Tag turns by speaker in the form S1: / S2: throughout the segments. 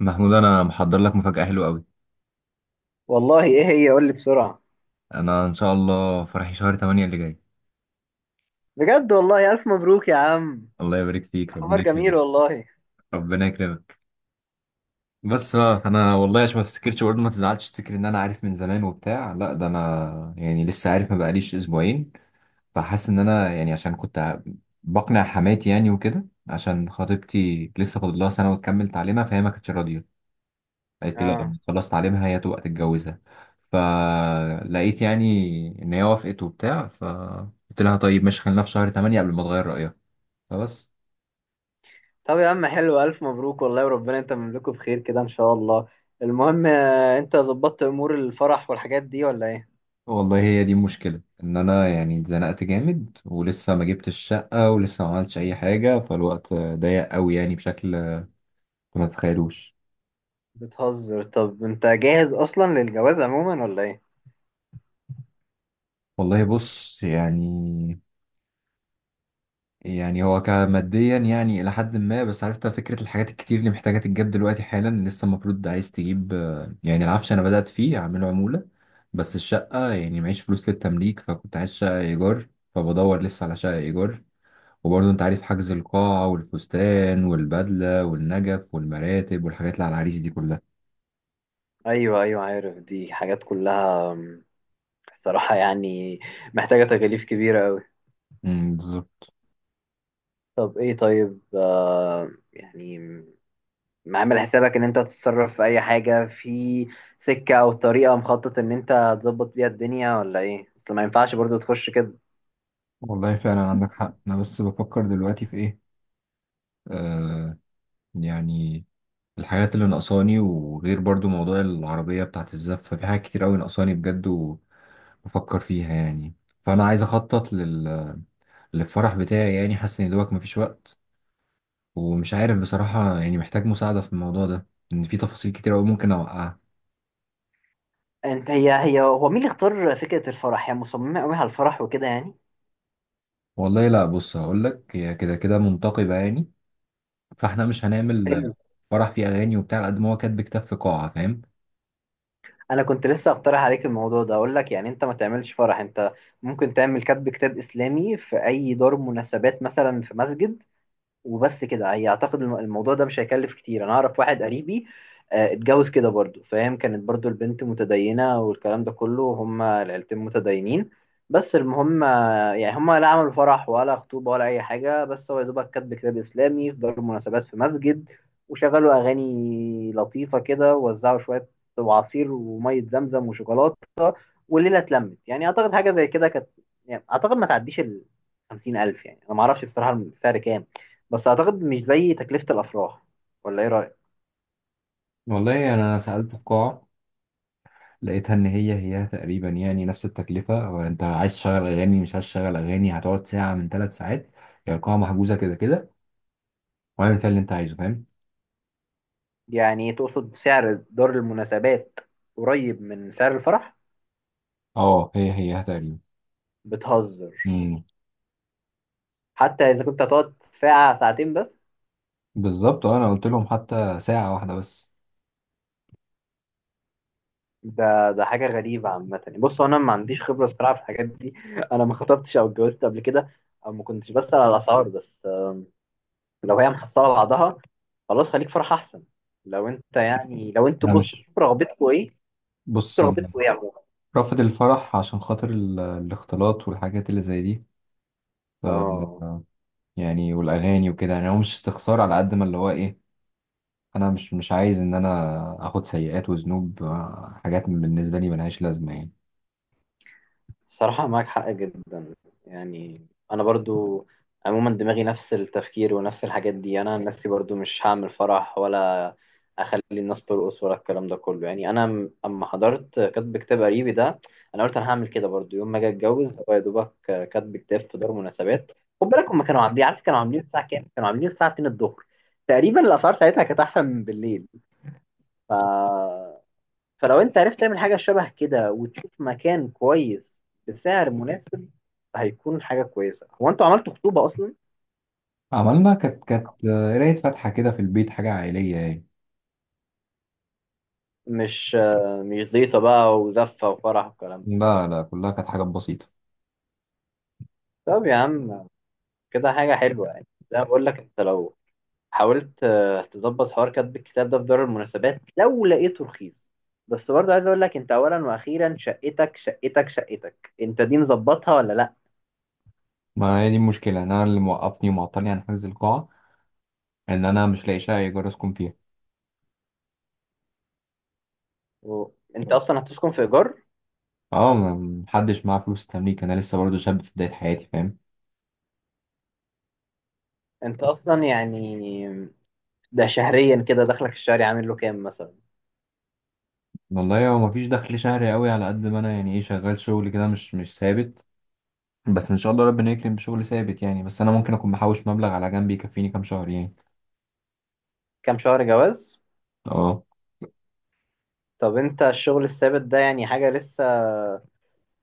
S1: محمود، انا محضر لك مفاجأة حلوة قوي.
S2: والله ايه هي قول لي بسرعة.
S1: انا ان شاء الله فرحي شهر 8 اللي جاي.
S2: بجد والله الف مبروك يا عم.
S1: الله يبارك فيك،
S2: خبر
S1: ربنا
S2: جميل
S1: يكرمك.
S2: والله.
S1: ربنا يكرمك. بس بقى، انا والله عشان ما تفتكرش برضه ما تزعلش تفتكر ان انا عارف من زمان وبتاع، لا ده انا يعني لسه عارف، ما بقاليش اسبوعين. فحاسس ان انا يعني عشان كنت بقنع حماتي يعني وكده، عشان خطيبتي لسه فاضل لها سنة وتكمل تعليمها، فهي ما كانتش راضية. قالت لي لا،
S2: اه.
S1: لما تخلص تعليمها هي تبقى تتجوزها. فلقيت يعني ان هي وافقت وبتاع، فقلت لها طيب ماشي، خلينا في شهر 8 قبل ما تغير رأيها. فبس.
S2: طب يا عم حلو الف مبروك والله وربنا انت مملكه بخير كده ان شاء الله. المهم انت ظبطت امور الفرح والحاجات دي ولا ايه؟
S1: والله هي دي المشكلة، ان انا يعني اتزنقت جامد، ولسه ما جبتش الشقة ولسه ما عملتش اي حاجة، فالوقت ضيق قوي يعني بشكل ما تتخيلوش.
S2: بتهزر. طب انت جاهز اصلا للجواز عموما ولا ايه؟
S1: والله بص يعني هو كماديا يعني إلى حد ما، بس عرفت فكرة الحاجات الكتير اللي محتاجة تتجاب دلوقتي حالا، لسه المفروض عايز تجيب، يعني العفش أنا بدأت فيه أعمله عمولة. بس الشقة يعني معيش فلوس للتمليك، فكنت عايز شقة إيجار. فبدور لسه على شقة إيجار. وبرضه أنت عارف، حجز القاعة والفستان والبدلة والنجف والمراتب والحاجات اللي على العريس دي كلها.
S2: ايوه ايوه عارف دي حاجات كلها الصراحة يعني محتاجة تكاليف كبيرة قوي.
S1: بالظبط.
S2: طب ايه طيب يعني ما عامل حسابك ان انت تتصرف في اي حاجة في سكة او طريقة مخطط ان انت تظبط بيها الدنيا ولا ايه؟ اصل ما ينفعش برضو تخش كده.
S1: والله فعلا عندك حق، أنا بس بفكر دلوقتي في إيه آه يعني الحاجات اللي ناقصاني، وغير برضو موضوع العربية بتاعت الزف، في حاجات كتير أوي ناقصاني بجد. وبفكر فيها يعني. فأنا عايز أخطط للفرح بتاعي يعني، حاسس إن دوبك مفيش وقت. ومش عارف بصراحة، يعني محتاج مساعدة في الموضوع ده، إن في تفاصيل كتير أوي ممكن أوقعها.
S2: انت هي هو مين اللي اختار فكرة الفرح؟ هي مصممة قوي على الفرح وكده يعني.
S1: والله لا، بص هقولك، هي كده كده منتقبة يعني، فإحنا مش هنعمل
S2: حلو.
S1: فرح فيه أغاني وبتاع، على قد ما هو كاتب كتاب في قاعة، فاهم؟
S2: انا كنت لسه اقترح عليك الموضوع ده، اقول لك يعني انت ما تعملش فرح. انت ممكن تعمل كتب كتاب اسلامي في اي دار مناسبات مثلا في مسجد. وبس كده، هي اعتقد الموضوع ده مش هيكلف كتير. انا اعرف واحد قريبي اتجوز كده برضو فاهم، كانت برضو البنت متدينة والكلام ده كله، هما العيلتين متدينين. بس المهم يعني هما لا عملوا فرح ولا خطوبة ولا أي حاجة، بس هو يا دوبك كاتب كتاب إسلامي في دار المناسبات في مسجد، وشغلوا أغاني لطيفة كده، ووزعوا شوية وعصير ومية زمزم وشوكولاتة، والليله اتلمت. يعني اعتقد حاجه زي كده كانت. يعني اعتقد ما تعديش ال 50,000، يعني انا ما اعرفش الصراحه السعر كام، بس اعتقد مش زي تكلفه الافراح. ولا ايه رايك؟
S1: والله أنا سألت في قاعة، لقيتها ان هي هي تقريبا يعني نفس التكلفه. هو انت عايز تشغل اغاني، مش عايز تشغل اغاني، هتقعد ساعه من 3 ساعات. هي القاعه محجوزه كده كده، واعمل فيها اللي انت عايزه، فاهم؟
S2: يعني تقصد سعر دار المناسبات قريب من سعر الفرح؟
S1: اه، هي هي تقريبا.
S2: بتهزر.
S1: امم
S2: حتى اذا كنت هتقعد ساعه ساعتين بس؟
S1: بالظبط. انا قلت لهم حتى ساعه واحده بس.
S2: ده حاجه غريبه عامه. يعني بص انا ما عنديش خبره الصراحه في الحاجات دي انا ما خطبتش او اتجوزت قبل كده، او ما كنتش بسال على الاسعار. بس لو هي محصله بعضها خلاص خليك فرح احسن. لو انت يعني لو انتوا
S1: لا،
S2: بص
S1: مش
S2: شوف رغبتكوا ايه. شوف
S1: بص أنا
S2: رغبتكوا ايه عموما.
S1: رافض الفرح عشان خاطر الاختلاط والحاجات اللي زي دي. ف
S2: اه.
S1: يعني والاغاني وكده، يعني هو مش استخسار على قد ما اللي هو ايه. انا مش عايز ان انا اخد سيئات وذنوب، حاجات بالنسبه لي ملهاش لازمه يعني.
S2: صراحة معاك حق جدا يعني. أنا برضو عموما دماغي نفس التفكير ونفس الحاجات دي. أنا عن نفسي برضو مش هعمل فرح، ولا أخلي الناس ترقص، ولا الكلام ده كله. يعني أنا أما حضرت كاتب كتاب قريبي ده، أنا قلت أنا هعمل كده برضو يوم ما أجي أتجوز. هو يا دوبك كاتب كتاب في دار مناسبات. خد بالك هما كانوا عاملين، عارف كانوا عاملين الساعة كام؟ كانوا عاملين الساعة 2 الظهر تقريبا. الأسعار ساعتها كانت أحسن من بالليل. ف، فلو انت عرفت تعمل حاجة شبه كده وتشوف مكان كويس بسعر مناسب هيكون حاجة كويسة. هو انتوا عملتوا خطوبة اصلا؟
S1: عملنا، كانت قراية فاتحة كده في البيت، حاجة عائلية يعني.
S2: مش مش زيطة بقى وزفة وفرح والكلام ده؟
S1: لا لا، كلها كانت حاجات بسيطة.
S2: طب يا عم كده حاجة حلوة يعني. زي ما بقول لك انت لو حاولت تظبط حوار كتب الكتاب ده في دار المناسبات لو لقيته رخيص. بس برضه عايز اقول لك انت اولا واخيرا شقتك، شقتك انت دي مظبطها ولا لا؟
S1: ما هي دي المشكلة، إن أنا اللي موقفني ومعطلني عن حجز القاعة، إن أنا مش لاقي شقة إيجار أسكن فيها.
S2: انت اصلا هتسكن في ايجار؟
S1: أه، محدش معاه فلوس تمليك. أنا لسه برضه شاب في بداية حياتي، فاهم؟
S2: انت اصلا يعني ده شهريا كده دخلك الشهري عامل له كام مثلا؟
S1: والله هو مفيش دخل شهري قوي على قد ما أنا يعني إيه، شغال شغل كده مش ثابت. بس إن شاء الله ربنا يكرم بشغل ثابت يعني، بس أنا ممكن أكون محوش مبلغ على جنب يكفيني كام شهر يعني.
S2: كام شهر جواز؟
S1: أه.
S2: طب انت الشغل الثابت ده يعني حاجة لسه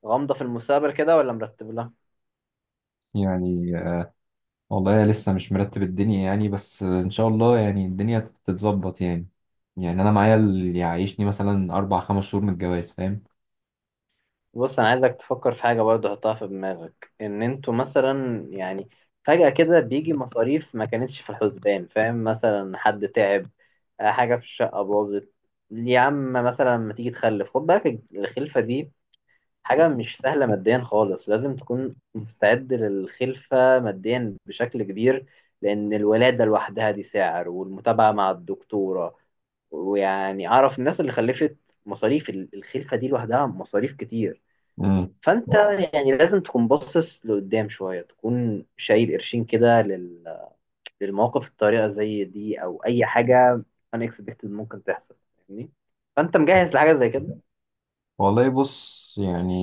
S2: غامضة في المستقبل كده ولا مرتب لها؟
S1: يعني، والله لسه مش مرتب الدنيا يعني، بس ان شاء الله يعني الدنيا تتظبط يعني. يعني انا معايا اللي يعيشني مثلا اربع خمس شهور من الجواز، فاهم؟
S2: بص انا عايزك تفكر في حاجة برضه، حطها في دماغك ان انتوا مثلا يعني فجأة كده بيجي مصاريف ما كانتش في الحسبان، فاهم؟ مثلا حد تعب، حاجة في الشقة باظت. يا عم مثلا ما تيجي تخلف، خد بالك الخلفة دي حاجة مش سهلة ماديا خالص. لازم تكون مستعد للخلفة ماديا بشكل كبير، لأن الولادة لوحدها دي سعر، والمتابعة مع الدكتورة، ويعني أعرف الناس اللي خلفت مصاريف الخلفة دي لوحدها مصاريف كتير.
S1: امم.
S2: فأنت يعني لازم تكون باصص لقدام شوية، تكون شايل قرشين كده للمواقف الطارئة زي دي، أو أي حاجة unexpected ممكن تحصل، فاهمني؟ فأنت مجهز لحاجة زي كده؟
S1: والله بص يعني،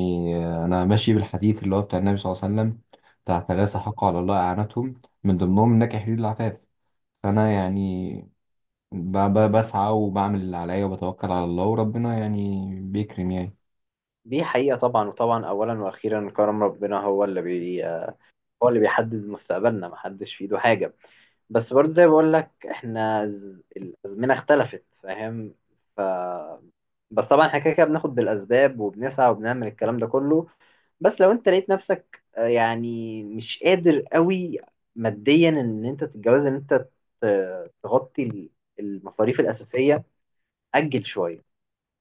S1: انا ماشي بالحديث اللي هو بتاع النبي صلى الله عليه وسلم، بتاع ثلاثة
S2: بس
S1: حق على الله اعانتهم، من ضمنهم نكح لي العفاف. فانا يعني بسعى وبعمل اللي عليا، وبتوكل على الله، وربنا يعني بيكرم يعني.
S2: دي حقيقة طبعا، وطبعا أولا وأخيرا كرم ربنا، هو اللي هو اللي بيحدد مستقبلنا، محدش في إيده حاجة. بس برضه زي بقول لك إحنا الأزمنة اختلفت، فاهم؟ ف، بس طبعا احنا كده كده بناخد بالأسباب وبنسعى وبنعمل الكلام ده كله. بس لو أنت لقيت نفسك يعني مش قادر قوي ماديا إن أنت تتجوز، إن أنت تغطي المصاريف الأساسية، أجل شوية،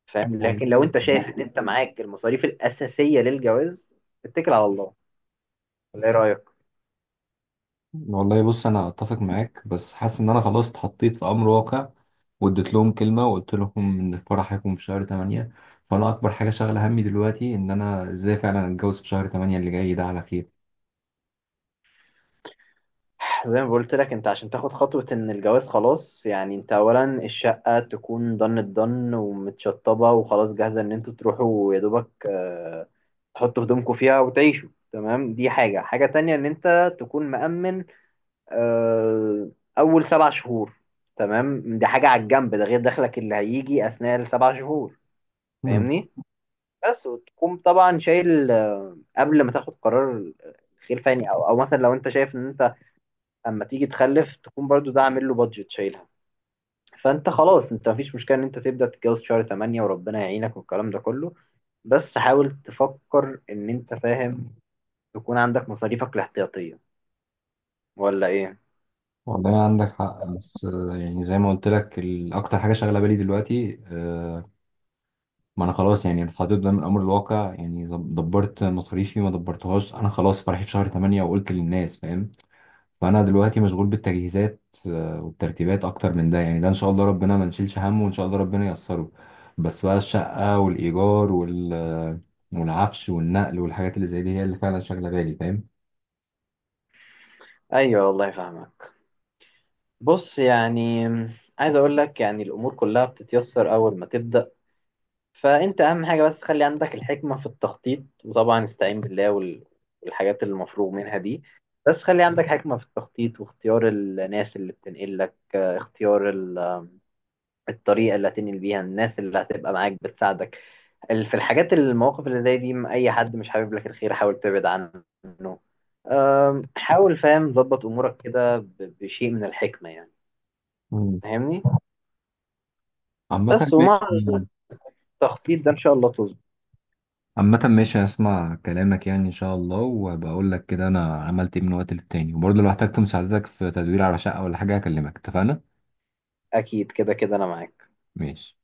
S2: فاهم؟ لكن لو
S1: والله.
S2: انت شايف ان انت معاك المصاريف الاساسيه للجواز اتكل على الله. ولا ايه رايك؟
S1: والله بص، انا اتفق معاك، بس حاسس ان انا خلاص اتحطيت في امر واقع، واديت لهم كلمه وقلت لهم ان الفرح هيكون في شهر 8. فانا اكبر حاجه شاغله همي دلوقتي ان انا ازاي فعلا اتجوز في شهر 8 اللي جاي ده على خير.
S2: زي ما قلت لك انت عشان تاخد خطوه ان الجواز خلاص، يعني انت اولا الشقه تكون ضن الضن ومتشطبه وخلاص جاهزه، ان انتوا تروحوا يا دوبك تحطوا هدومكم فيها وتعيشوا تمام. دي حاجه. حاجه تانية ان انت تكون مأمن آه، اول سبع شهور تمام. دي حاجه على الجنب، ده غير دخلك اللي هيجي اثناء السبع شهور.
S1: مم.
S2: فاهمني؟ بس وتقوم طبعا شايل قبل ما تاخد قرار خير فاني او مثلا لو انت شايف ان انت اما تيجي تخلف تكون برضو ده عامل له بادجت شايلها، فانت خلاص انت مفيش مشكله ان انت تبدا تتجوز شهر 8 وربنا يعينك والكلام ده كله. بس حاول تفكر ان انت، فاهم، تكون عندك مصاريفك الاحتياطيه. ولا ايه؟
S1: والله عندك حق، بس يعني زي ما قلت لك، اكتر حاجه شاغله بالي دلوقتي، ما انا خلاص يعني اتحطيت قدام الامر الواقع يعني، دبرت مصاريفي ما دبرتهاش. انا خلاص فرحي في شهر 8 وقلت للناس، فاهم؟ فانا دلوقتي مشغول بالتجهيزات والترتيبات، اكتر من ده يعني ده ان شاء الله ربنا ما نشيلش همه وان شاء الله ربنا ييسره. بس بقى الشقة والايجار والعفش والنقل والحاجات اللي زي دي هي اللي فعلا شاغلة بالي، فاهم؟
S2: ايوه والله فاهمك. بص يعني عايز اقول لك يعني الامور كلها بتتيسر اول ما تبدا. فانت اهم حاجه بس خلي عندك الحكمه في التخطيط، وطبعا استعين بالله والحاجات اللي المفروغ منها دي. بس خلي عندك حكمه في التخطيط واختيار الناس اللي بتنقل لك، اختيار الطريقه اللي هتنقل بيها، الناس اللي هتبقى معاك بتساعدك في الحاجات المواقف اللي زي دي. اي حد مش حابب لك الخير حاول تبعد عنه. حاول، فاهم، ظبط امورك كده بشيء من الحكمه يعني.
S1: مم.
S2: فاهمني؟
S1: عامة
S2: بس ومع
S1: ماشي.
S2: التخطيط ده ان شاء الله تظبط.
S1: عامة ماشي، هسمع كلامك يعني إن شاء الله، وهبقى أقول لك كده أنا عملت إيه من وقت للتاني، وبرضه لو احتجت مساعدتك في تدوير على شقة ولا حاجة هكلمك، اتفقنا؟
S2: اكيد كده كده انا معاك.
S1: ماشي.